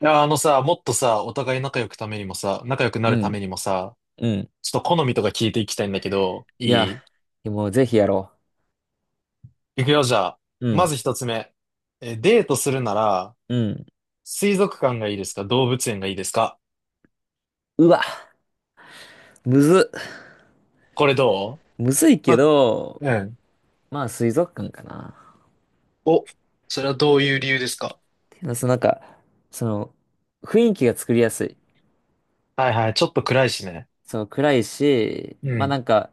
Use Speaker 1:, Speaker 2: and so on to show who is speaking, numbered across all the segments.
Speaker 1: いや、あのさ、もっとさ、お互い仲良くためにもさ、仲良くな
Speaker 2: う
Speaker 1: るため
Speaker 2: ん、
Speaker 1: にもさ、
Speaker 2: うん。
Speaker 1: ちょっと好みとか聞いていきたいんだけど、
Speaker 2: いや、
Speaker 1: い
Speaker 2: もうぜひやろ
Speaker 1: いくよ、じゃあ。
Speaker 2: う。う
Speaker 1: ま
Speaker 2: ん、
Speaker 1: ず一つ目。デートするなら、
Speaker 2: うん。
Speaker 1: 水族館がいいですか、動物園がいいですか？
Speaker 2: うわ、むずっ、
Speaker 1: これどう？
Speaker 2: むずい
Speaker 1: ま
Speaker 2: け
Speaker 1: あ、
Speaker 2: ど、
Speaker 1: うん。
Speaker 2: まあ水族館かな。っ
Speaker 1: お、それはどういう理由ですか？
Speaker 2: ていうのは、その、雰囲気が作りやすい。
Speaker 1: はいはい、ちょっと暗いしね。
Speaker 2: その暗いし、
Speaker 1: うん。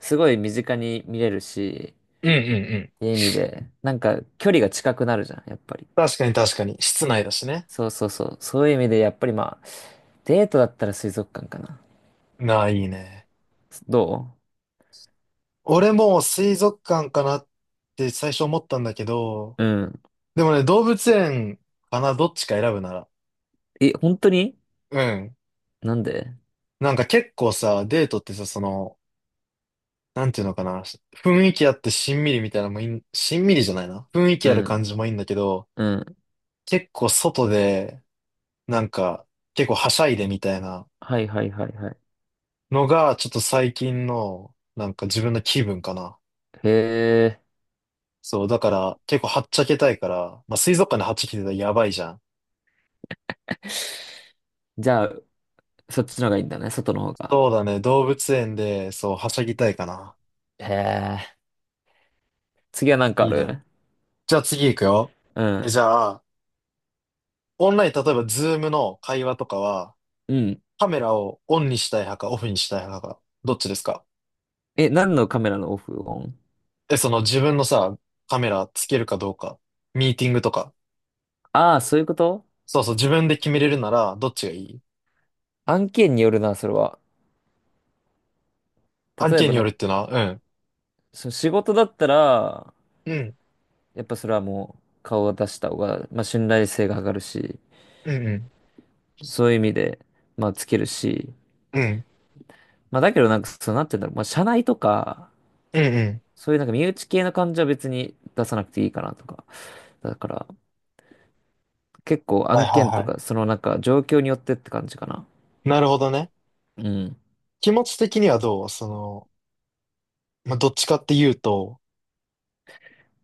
Speaker 2: すごい身近に見れるし、
Speaker 1: うんうんうん。
Speaker 2: っていう意味で、なんか距離が近くなるじゃん、やっぱり。
Speaker 1: 確かに確かに。室内だしね。
Speaker 2: そうそうそう。そういう意味で、やっぱりまあ、デートだったら水族館かな。
Speaker 1: なあ、いいね。
Speaker 2: ど
Speaker 1: 俺も水族館かなって最初思ったんだけど、
Speaker 2: ううん。
Speaker 1: でもね、動物園かな、どっちか選ぶなら。
Speaker 2: え、本当に
Speaker 1: うん。
Speaker 2: なんで？
Speaker 1: なんか結構さ、デートってさ、その、なんていうのかな、雰囲気あってしんみりみたいなのもいい、しんみりじゃないな。雰囲気
Speaker 2: う
Speaker 1: ある
Speaker 2: ん、
Speaker 1: 感じもいいんだけど、
Speaker 2: うん。
Speaker 1: 結構外で、なんか、結構はしゃいでみたいな
Speaker 2: はいはいはいはい。
Speaker 1: のが、ちょっと最近の、なんか自分の気分かな。
Speaker 2: へえ、
Speaker 1: そう、だから結構はっちゃけたいから、まあ水族館ではっちゃけてたらやばいじゃん。
Speaker 2: じゃあ、そっちの方がいいんだね、外の方が。
Speaker 1: そうだね、動物園で、そう、はしゃぎたいかな。
Speaker 2: へえ、次は何かあ
Speaker 1: いいね。
Speaker 2: る？
Speaker 1: じゃあ次行くよ。
Speaker 2: うん。
Speaker 1: じゃあ、オンライン、例えばズームの会話とかは、
Speaker 2: うん。
Speaker 1: カメラをオンにしたい派かオフにしたい派か、どっちですか？
Speaker 2: え、何のカメラのオフオン？
Speaker 1: その自分のさ、カメラつけるかどうか、ミーティングとか、
Speaker 2: ああ、そういうこと？
Speaker 1: そうそう、自分で決めれるなら、どっちがいい？
Speaker 2: 案件によるな、それは。
Speaker 1: 案
Speaker 2: 例え
Speaker 1: 件
Speaker 2: ば
Speaker 1: に
Speaker 2: な
Speaker 1: よ
Speaker 2: ん
Speaker 1: るっ
Speaker 2: か、
Speaker 1: ていうのは、うん。
Speaker 2: その仕事だったら、
Speaker 1: うん、
Speaker 2: やっぱそれはもう顔を出した方が、まあ信頼性が上がるし、
Speaker 1: うん、うん、
Speaker 2: そういう意味で、まあつけるし、
Speaker 1: うん、
Speaker 2: まあだけどなんか、そうなって言うんだろう、まあ社内とか、
Speaker 1: うん、うん。
Speaker 2: そういうなんか身内系の感じは別に出さなくていいかなとか。だから、結構
Speaker 1: はい
Speaker 2: 案
Speaker 1: は
Speaker 2: 件と
Speaker 1: いは
Speaker 2: か、そのなんか状況によってって感じかな。
Speaker 1: い。なるほどね。
Speaker 2: うん。
Speaker 1: 気持ち的にはどう？その、まあ、どっちかっていうと、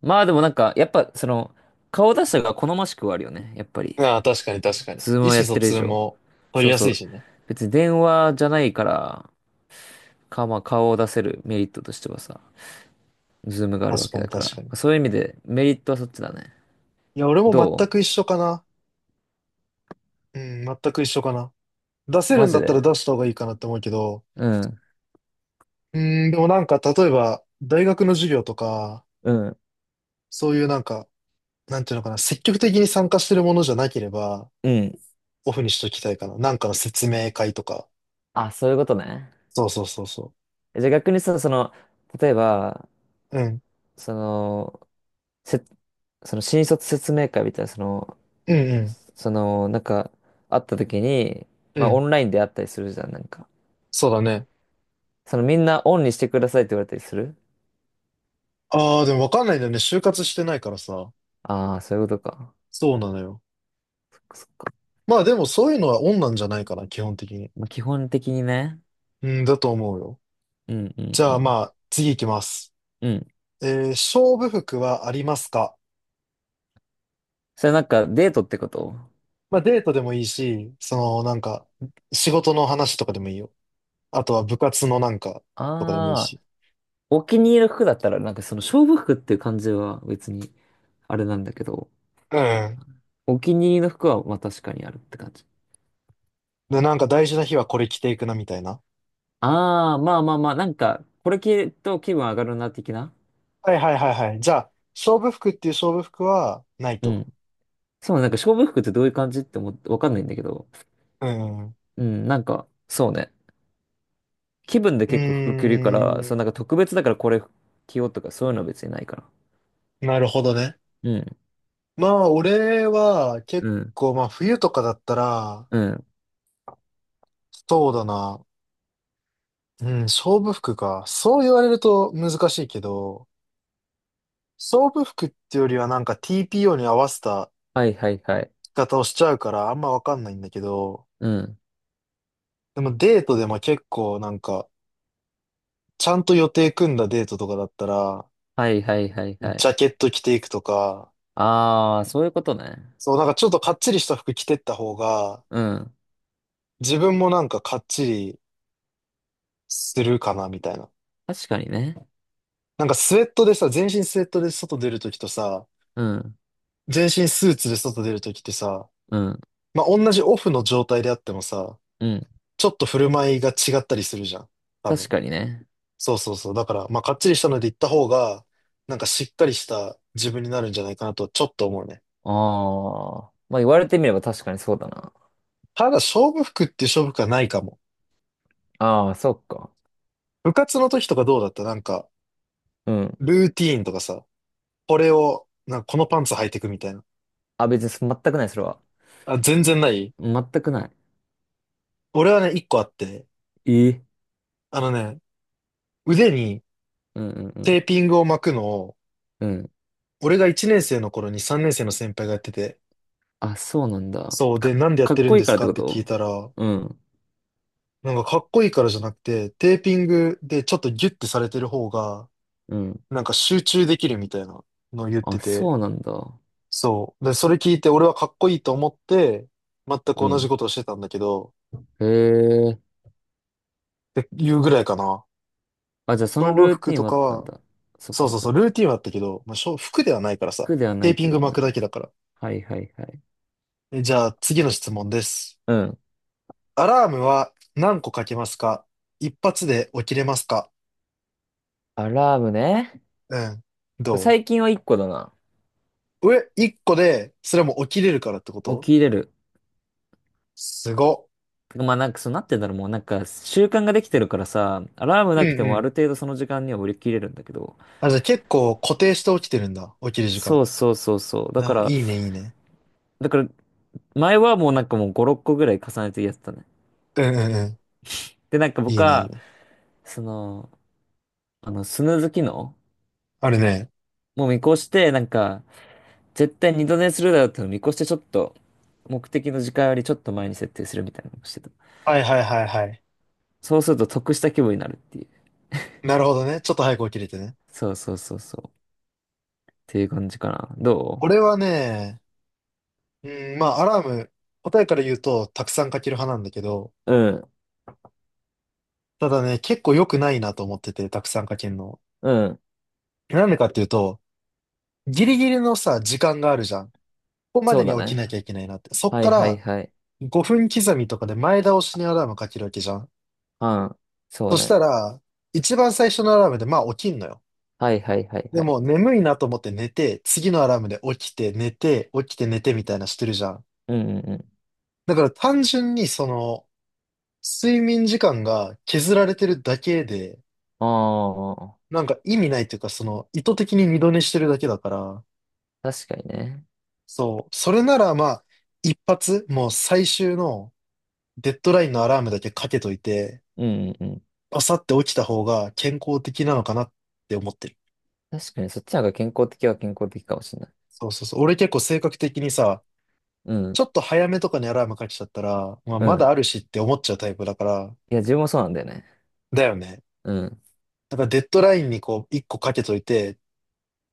Speaker 2: まあでもなんか、やっぱその、顔出した方が好ましくはあるよね。やっぱり。
Speaker 1: ああ、確かに確かに。
Speaker 2: ズー
Speaker 1: 意
Speaker 2: ムをやっ
Speaker 1: 思疎
Speaker 2: てる以
Speaker 1: 通
Speaker 2: 上。
Speaker 1: も取り
Speaker 2: そう
Speaker 1: や
Speaker 2: そ
Speaker 1: すい
Speaker 2: う。
Speaker 1: しね。
Speaker 2: 別に電話じゃないから、か、まあ顔を出せるメリットとしてはさ、ズームがあるわ
Speaker 1: 確か
Speaker 2: け
Speaker 1: に
Speaker 2: だか
Speaker 1: 確
Speaker 2: ら。
Speaker 1: かに。
Speaker 2: そういう意味でメリットはそっちだね。
Speaker 1: いや、俺も
Speaker 2: ど
Speaker 1: 全く一緒かな。うん、全く一緒かな。出せ
Speaker 2: う
Speaker 1: る
Speaker 2: マ
Speaker 1: ん
Speaker 2: ジ
Speaker 1: だったら
Speaker 2: で？
Speaker 1: 出した方がいいかなって思うけど、
Speaker 2: うん。
Speaker 1: うーん、でもなんか例えば大学の授業とか、
Speaker 2: うん。
Speaker 1: そういうなんか、なんていうのかな、積極的に参加してるものじゃなければ、
Speaker 2: うん。
Speaker 1: オフにしときたいかな。なんかの説明会とか。
Speaker 2: あ、そういうことね。
Speaker 1: そうそうそうそ
Speaker 2: えじゃあ逆にさ、その、例えば、
Speaker 1: う。うん。
Speaker 2: その、せその新卒説明会みたいな、
Speaker 1: うんうん。
Speaker 2: その、なんか、会った時に、
Speaker 1: う
Speaker 2: まあ、オ
Speaker 1: ん。
Speaker 2: ンラインで会ったりするじゃん、なんか。
Speaker 1: そうだね。
Speaker 2: その、みんなオンにしてくださいって言われたりする？
Speaker 1: ああ、でもわかんないんだよね。就活してないからさ。
Speaker 2: ああー、そういうことか。
Speaker 1: そうなのよ。
Speaker 2: そっか。
Speaker 1: まあでもそういうのはオンなんじゃないかな、基本的に。
Speaker 2: まあ、基本的にね。
Speaker 1: うん、だと思うよ。
Speaker 2: うんうん
Speaker 1: じ
Speaker 2: う
Speaker 1: ゃあ
Speaker 2: ん。
Speaker 1: まあ、次行きます。
Speaker 2: うん。
Speaker 1: 勝負服はありますか？
Speaker 2: それなんか、デートってこと？
Speaker 1: まあデートでもいいし、そのなんか仕事の話とかでもいいよ。あとは部活のなんかとかでもいい
Speaker 2: ああー、
Speaker 1: し。
Speaker 2: お気に入りの服だったら、なんかその、勝負服っていう感じは別に、あれなんだけど、
Speaker 1: うん。
Speaker 2: お気に入りの服は、まあ、確かにあるって感じ。
Speaker 1: で、なんか大事な日はこれ着ていくなみたいな。
Speaker 2: ああ、まあまあまあ、なんか、これ着ると気分上がるな、的な。
Speaker 1: はいはいはいはい。じゃあ、勝負服っていう勝負服はない
Speaker 2: う
Speaker 1: と。
Speaker 2: ん。そうね、なんか勝負服ってどういう感じって思って、わかんないんだけど。
Speaker 1: うん。う
Speaker 2: そうね。気分で結構服着
Speaker 1: ー
Speaker 2: るから、そう、
Speaker 1: ん。
Speaker 2: なんか特別だからこれ着ようとかそういうのは別にないから。
Speaker 1: なるほどね。
Speaker 2: うん、
Speaker 1: まあ俺は
Speaker 2: う
Speaker 1: 結
Speaker 2: ん、
Speaker 1: 構まあ冬とかだったら、
Speaker 2: うん。
Speaker 1: そうだな。うん、勝負服か。そう言われると難しいけど、勝負服っていうよりはなんか TPO に合わせた
Speaker 2: はいはいはい。
Speaker 1: 方をしちゃうからあんまわかんないんだけど、
Speaker 2: うん。
Speaker 1: でもデートでも結構なんか、ちゃんと予定組んだデートとかだったら、
Speaker 2: はいはいはい
Speaker 1: ジ
Speaker 2: はい。
Speaker 1: ャケット着ていくとか、
Speaker 2: ああ、そういうことね。
Speaker 1: そうなんかちょっとかっちりした服着てった方が、
Speaker 2: うん。
Speaker 1: 自分もなんかかっちりするかなみたいな。
Speaker 2: 確かにね。
Speaker 1: なんかスウェットでさ、全身スウェットで外出るときとさ、
Speaker 2: うん、
Speaker 1: 全身スーツで外出るときってさ、
Speaker 2: うん、
Speaker 1: まあ、同じオフの状態であってもさ、
Speaker 2: うん。
Speaker 1: ちょっと振る舞いが違ったりするじゃん。多
Speaker 2: 確
Speaker 1: 分。
Speaker 2: かにね。
Speaker 1: そうそうそう。だから、まあ、かっちりしたので行った方が、なんかしっかりした自分になるんじゃないかなと、ちょっと思うね。
Speaker 2: ああ。まあ言われてみれば確かにそうだな。
Speaker 1: ただ、勝負服っていう勝負服はないかも。
Speaker 2: ああ、そっか。
Speaker 1: 部活の時とかどうだったなんか、
Speaker 2: うん。
Speaker 1: ルーティーンとかさ、これを、なんかこのパンツ履いてくみたいな。
Speaker 2: あ、別に全くない、それは。
Speaker 1: あ、全然ない？
Speaker 2: 全くない。
Speaker 1: 俺はね、一個あって、
Speaker 2: ええ。
Speaker 1: あのね、腕に
Speaker 2: うんうんう
Speaker 1: テー
Speaker 2: ん。
Speaker 1: ピングを巻くのを、
Speaker 2: うん。
Speaker 1: 俺が1年生の頃に3年生の先輩がやってて、
Speaker 2: あ、そうなんだ。
Speaker 1: そう、で、
Speaker 2: か、
Speaker 1: なんでやっ
Speaker 2: か
Speaker 1: て
Speaker 2: っ
Speaker 1: るん
Speaker 2: こい
Speaker 1: で
Speaker 2: い
Speaker 1: す
Speaker 2: からっ
Speaker 1: か
Speaker 2: て
Speaker 1: っ
Speaker 2: こ
Speaker 1: て聞い
Speaker 2: と？
Speaker 1: たら、
Speaker 2: うん。
Speaker 1: なんかかっこいいからじゃなくて、テーピングでちょっとギュッてされてる方が、
Speaker 2: うん。
Speaker 1: なんか集中できるみたいなのを言っ
Speaker 2: あ、
Speaker 1: てて、
Speaker 2: そうなんだ。
Speaker 1: そう。で、それ聞いて俺はかっこいいと思って、全く
Speaker 2: う
Speaker 1: 同じ
Speaker 2: ん。
Speaker 1: ことをしてたんだけど、
Speaker 2: へえ。
Speaker 1: っていうぐらいかな。
Speaker 2: あ、じゃあその
Speaker 1: 勝負
Speaker 2: ルー
Speaker 1: 服
Speaker 2: ティン
Speaker 1: と
Speaker 2: はあっ
Speaker 1: か
Speaker 2: たん
Speaker 1: は、
Speaker 2: だ。そっ
Speaker 1: そ
Speaker 2: か
Speaker 1: う
Speaker 2: そ
Speaker 1: そ
Speaker 2: っ
Speaker 1: う
Speaker 2: か。
Speaker 1: そう、ルーティンはあったけど、まあ、勝服ではないからさ、
Speaker 2: 苦ではな
Speaker 1: テ
Speaker 2: い
Speaker 1: ー
Speaker 2: っ
Speaker 1: ピ
Speaker 2: て
Speaker 1: ン
Speaker 2: こ
Speaker 1: グ
Speaker 2: と
Speaker 1: 巻く
Speaker 2: ね。
Speaker 1: だけだから。
Speaker 2: はいはいはい。
Speaker 1: じゃあ次の質問です。
Speaker 2: うん。
Speaker 1: アラームは何個かけますか？一発で起きれますか？
Speaker 2: アラームね。
Speaker 1: うん。ど
Speaker 2: 最近は一個だな。
Speaker 1: う上、一個で、それも起きれるからってこ
Speaker 2: 起
Speaker 1: と？
Speaker 2: きれる。
Speaker 1: すごっ。
Speaker 2: てかまあなんかそうなってんだろう。もうなんか習慣ができてるからさ、アラーム
Speaker 1: う
Speaker 2: なくて
Speaker 1: んう
Speaker 2: もある
Speaker 1: ん。
Speaker 2: 程度その時間には起きれるんだけど。
Speaker 1: あ、じゃあ結構固定して起きてるんだ。起きる時
Speaker 2: そ
Speaker 1: 間。
Speaker 2: うそうそうそう。だか
Speaker 1: ああ、
Speaker 2: ら、
Speaker 1: いいね、いいね。
Speaker 2: だから前はもうなんかもう5、6個ぐらい重ねてやってたね。
Speaker 1: うんうんうん。
Speaker 2: で、なんか
Speaker 1: い
Speaker 2: 僕
Speaker 1: いね、いい
Speaker 2: は、
Speaker 1: ね。
Speaker 2: その、スヌーズ機能
Speaker 1: あるね。
Speaker 2: もう見越して、なんか、絶対二度寝するだろうってのを見越して、ちょっと、目的の時間よりちょっと前に設定するみたいなのをしてた。
Speaker 1: はいはいはいはい。
Speaker 2: そうすると得した気分になるっていう。
Speaker 1: なるほどね。ちょっと早く起きれてね。
Speaker 2: そうそうそうそう。っていう感じかな。ど
Speaker 1: 俺はね、うん、まあ、アラーム、答えから言うと、たくさんかける派なんだけど、
Speaker 2: ううん、
Speaker 1: ただね、結構良くないなと思ってて、たくさんかけるの。
Speaker 2: うん。
Speaker 1: なんでかっていうと、ギリギリのさ、時間があるじゃん。ここま
Speaker 2: そう
Speaker 1: で
Speaker 2: だ
Speaker 1: に起き
Speaker 2: ね。
Speaker 1: なきゃいけないなって。そっ
Speaker 2: は
Speaker 1: か
Speaker 2: いはい
Speaker 1: ら、
Speaker 2: はい。
Speaker 1: 5分刻みとかで前倒しにアラームかけるわけじゃん。
Speaker 2: うん。そう
Speaker 1: そし
Speaker 2: ね。
Speaker 1: たら、一番最初のアラームで、まあ起きんのよ。
Speaker 2: はいはいはい
Speaker 1: で
Speaker 2: はい。
Speaker 1: も眠いなと思って寝て、次のアラームで起きて寝て、起きて寝てみたいなしてるじゃん。
Speaker 2: うんうんうん。
Speaker 1: だから単純にその、睡眠時間が削られてるだけで、
Speaker 2: あ
Speaker 1: なんか意味ないというか、その、意図的に二度寝してるだけだから、
Speaker 2: あ、確かにね。
Speaker 1: そう、それならまあ、一発、もう最終のデッドラインのアラームだけかけといて、
Speaker 2: うんうんうん。
Speaker 1: バサって起きた方が健康的なのかなって思ってる。
Speaker 2: 確かにそっちの方が健康的は健康的かもしれない。
Speaker 1: そうそうそう。俺結構性格的にさ、
Speaker 2: う
Speaker 1: ち
Speaker 2: ん、
Speaker 1: ょっと早めとかにアラームかけちゃったら、まあ、
Speaker 2: う
Speaker 1: まだ
Speaker 2: ん。
Speaker 1: あるしって思っちゃうタイプだから、
Speaker 2: いや、自分もそうなんだよね。
Speaker 1: だよね。
Speaker 2: うん。
Speaker 1: だからデッドラインにこう、一個かけといて、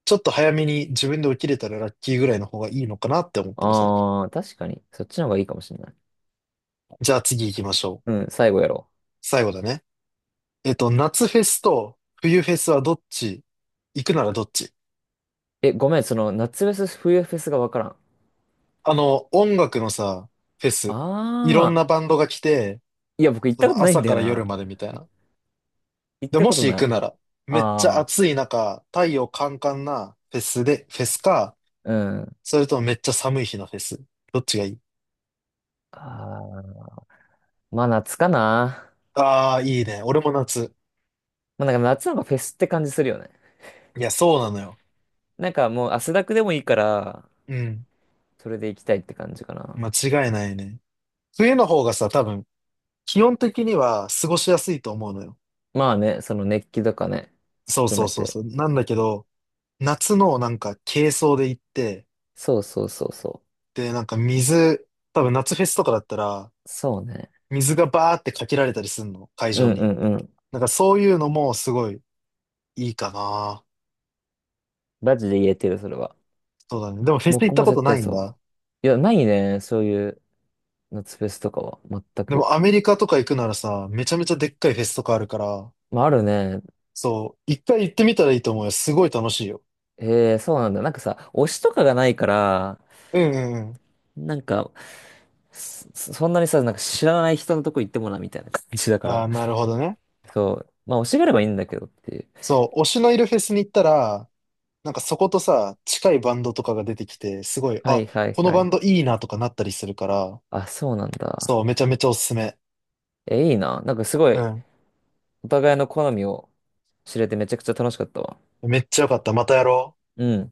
Speaker 1: ちょっと早めに自分で起きれたらラッキーぐらいの方がいいのかなって思ってる最近。
Speaker 2: ああ、確かに。そっちの方がいいかもしれない。
Speaker 1: じゃあ次行きましょ
Speaker 2: う
Speaker 1: う。
Speaker 2: ん、最後やろ
Speaker 1: 最後だね。夏フェスと冬フェスはどっち？行くならどっち？
Speaker 2: う。え、ごめん、その、夏フェス、冬フェスがわからん。
Speaker 1: あの、音楽のさ、フェ
Speaker 2: あ
Speaker 1: ス。いろんな
Speaker 2: あ、
Speaker 1: バンドが来て、
Speaker 2: いや、僕行っ
Speaker 1: そ
Speaker 2: たこ
Speaker 1: の
Speaker 2: とないん
Speaker 1: 朝
Speaker 2: だ
Speaker 1: か
Speaker 2: よ
Speaker 1: ら夜
Speaker 2: な。
Speaker 1: までみたいな。
Speaker 2: 行っ
Speaker 1: で、
Speaker 2: た
Speaker 1: も
Speaker 2: こと
Speaker 1: し行
Speaker 2: な
Speaker 1: く
Speaker 2: い。
Speaker 1: なら、めっちゃ
Speaker 2: ああ、
Speaker 1: 暑い中、太陽カンカンなフェスで、フェスか、
Speaker 2: うん。
Speaker 1: それともめっちゃ寒い日のフェス。どっちがいい？
Speaker 2: ああ、まあ夏かな。
Speaker 1: ああー、いいね。俺も夏。
Speaker 2: まあなんか夏の方がフェスって感じするよね。
Speaker 1: いや、そうなのよ。
Speaker 2: なんかもう汗だくでもいいから、
Speaker 1: うん。
Speaker 2: それで行きたいって感じかな。
Speaker 1: 間違いないね。冬の方がさ、多分、気温的には過ごしやすいと思うのよ。
Speaker 2: まあね、その熱気とかね、
Speaker 1: そう
Speaker 2: 含
Speaker 1: そう
Speaker 2: め
Speaker 1: そう
Speaker 2: て。
Speaker 1: そう。なんだけど、夏のなんか軽装で行って、
Speaker 2: そうそうそうそ
Speaker 1: で、なんか水、多分夏フェスとかだったら、
Speaker 2: う。そうね。
Speaker 1: 水がバーってかけられたりすんの、会
Speaker 2: う
Speaker 1: 場
Speaker 2: んう
Speaker 1: に。
Speaker 2: んうん。
Speaker 1: なんかそういうのもすごいいいかな。
Speaker 2: マジで言えてる、それは。
Speaker 1: そうだね。でもフェス行っ
Speaker 2: 僕
Speaker 1: た
Speaker 2: も
Speaker 1: こと
Speaker 2: 絶
Speaker 1: な
Speaker 2: 対
Speaker 1: いん
Speaker 2: そう。
Speaker 1: だ。
Speaker 2: いや、ないね。そういう夏フェスとかは。全
Speaker 1: で
Speaker 2: く。
Speaker 1: もアメリカとか行くならさ、めちゃめちゃでっかいフェスとかあるから、
Speaker 2: まあ、あるね。
Speaker 1: そう、一回行ってみたらいいと思うよ。すごい楽しいよ。
Speaker 2: ええ、そうなんだ。なんかさ、推しとかがないから、
Speaker 1: うんうんうん。
Speaker 2: なんか、そんなにさ、なんか知らない人のとこ行ってもな、みたいな感じだか
Speaker 1: あ
Speaker 2: ら。
Speaker 1: あ、なるほどね。
Speaker 2: そう。まあ、推しがあればいいんだけどっていう。
Speaker 1: そう、推しのいるフェスに行ったら、なんかそことさ、近いバンドとかが出てきて、すごい、
Speaker 2: はい
Speaker 1: あ、
Speaker 2: はい
Speaker 1: この
Speaker 2: は
Speaker 1: バン
Speaker 2: い。
Speaker 1: ドいいなとかなったりするから、
Speaker 2: あ、そうなん
Speaker 1: そ
Speaker 2: だ。
Speaker 1: う、めちゃめちゃおすすめ。
Speaker 2: え、いいな。なんかすご
Speaker 1: う
Speaker 2: い、
Speaker 1: ん。
Speaker 2: お互いの好みを知れてめちゃくちゃ楽しかったわ。
Speaker 1: めっちゃよかった。またやろう。
Speaker 2: うん。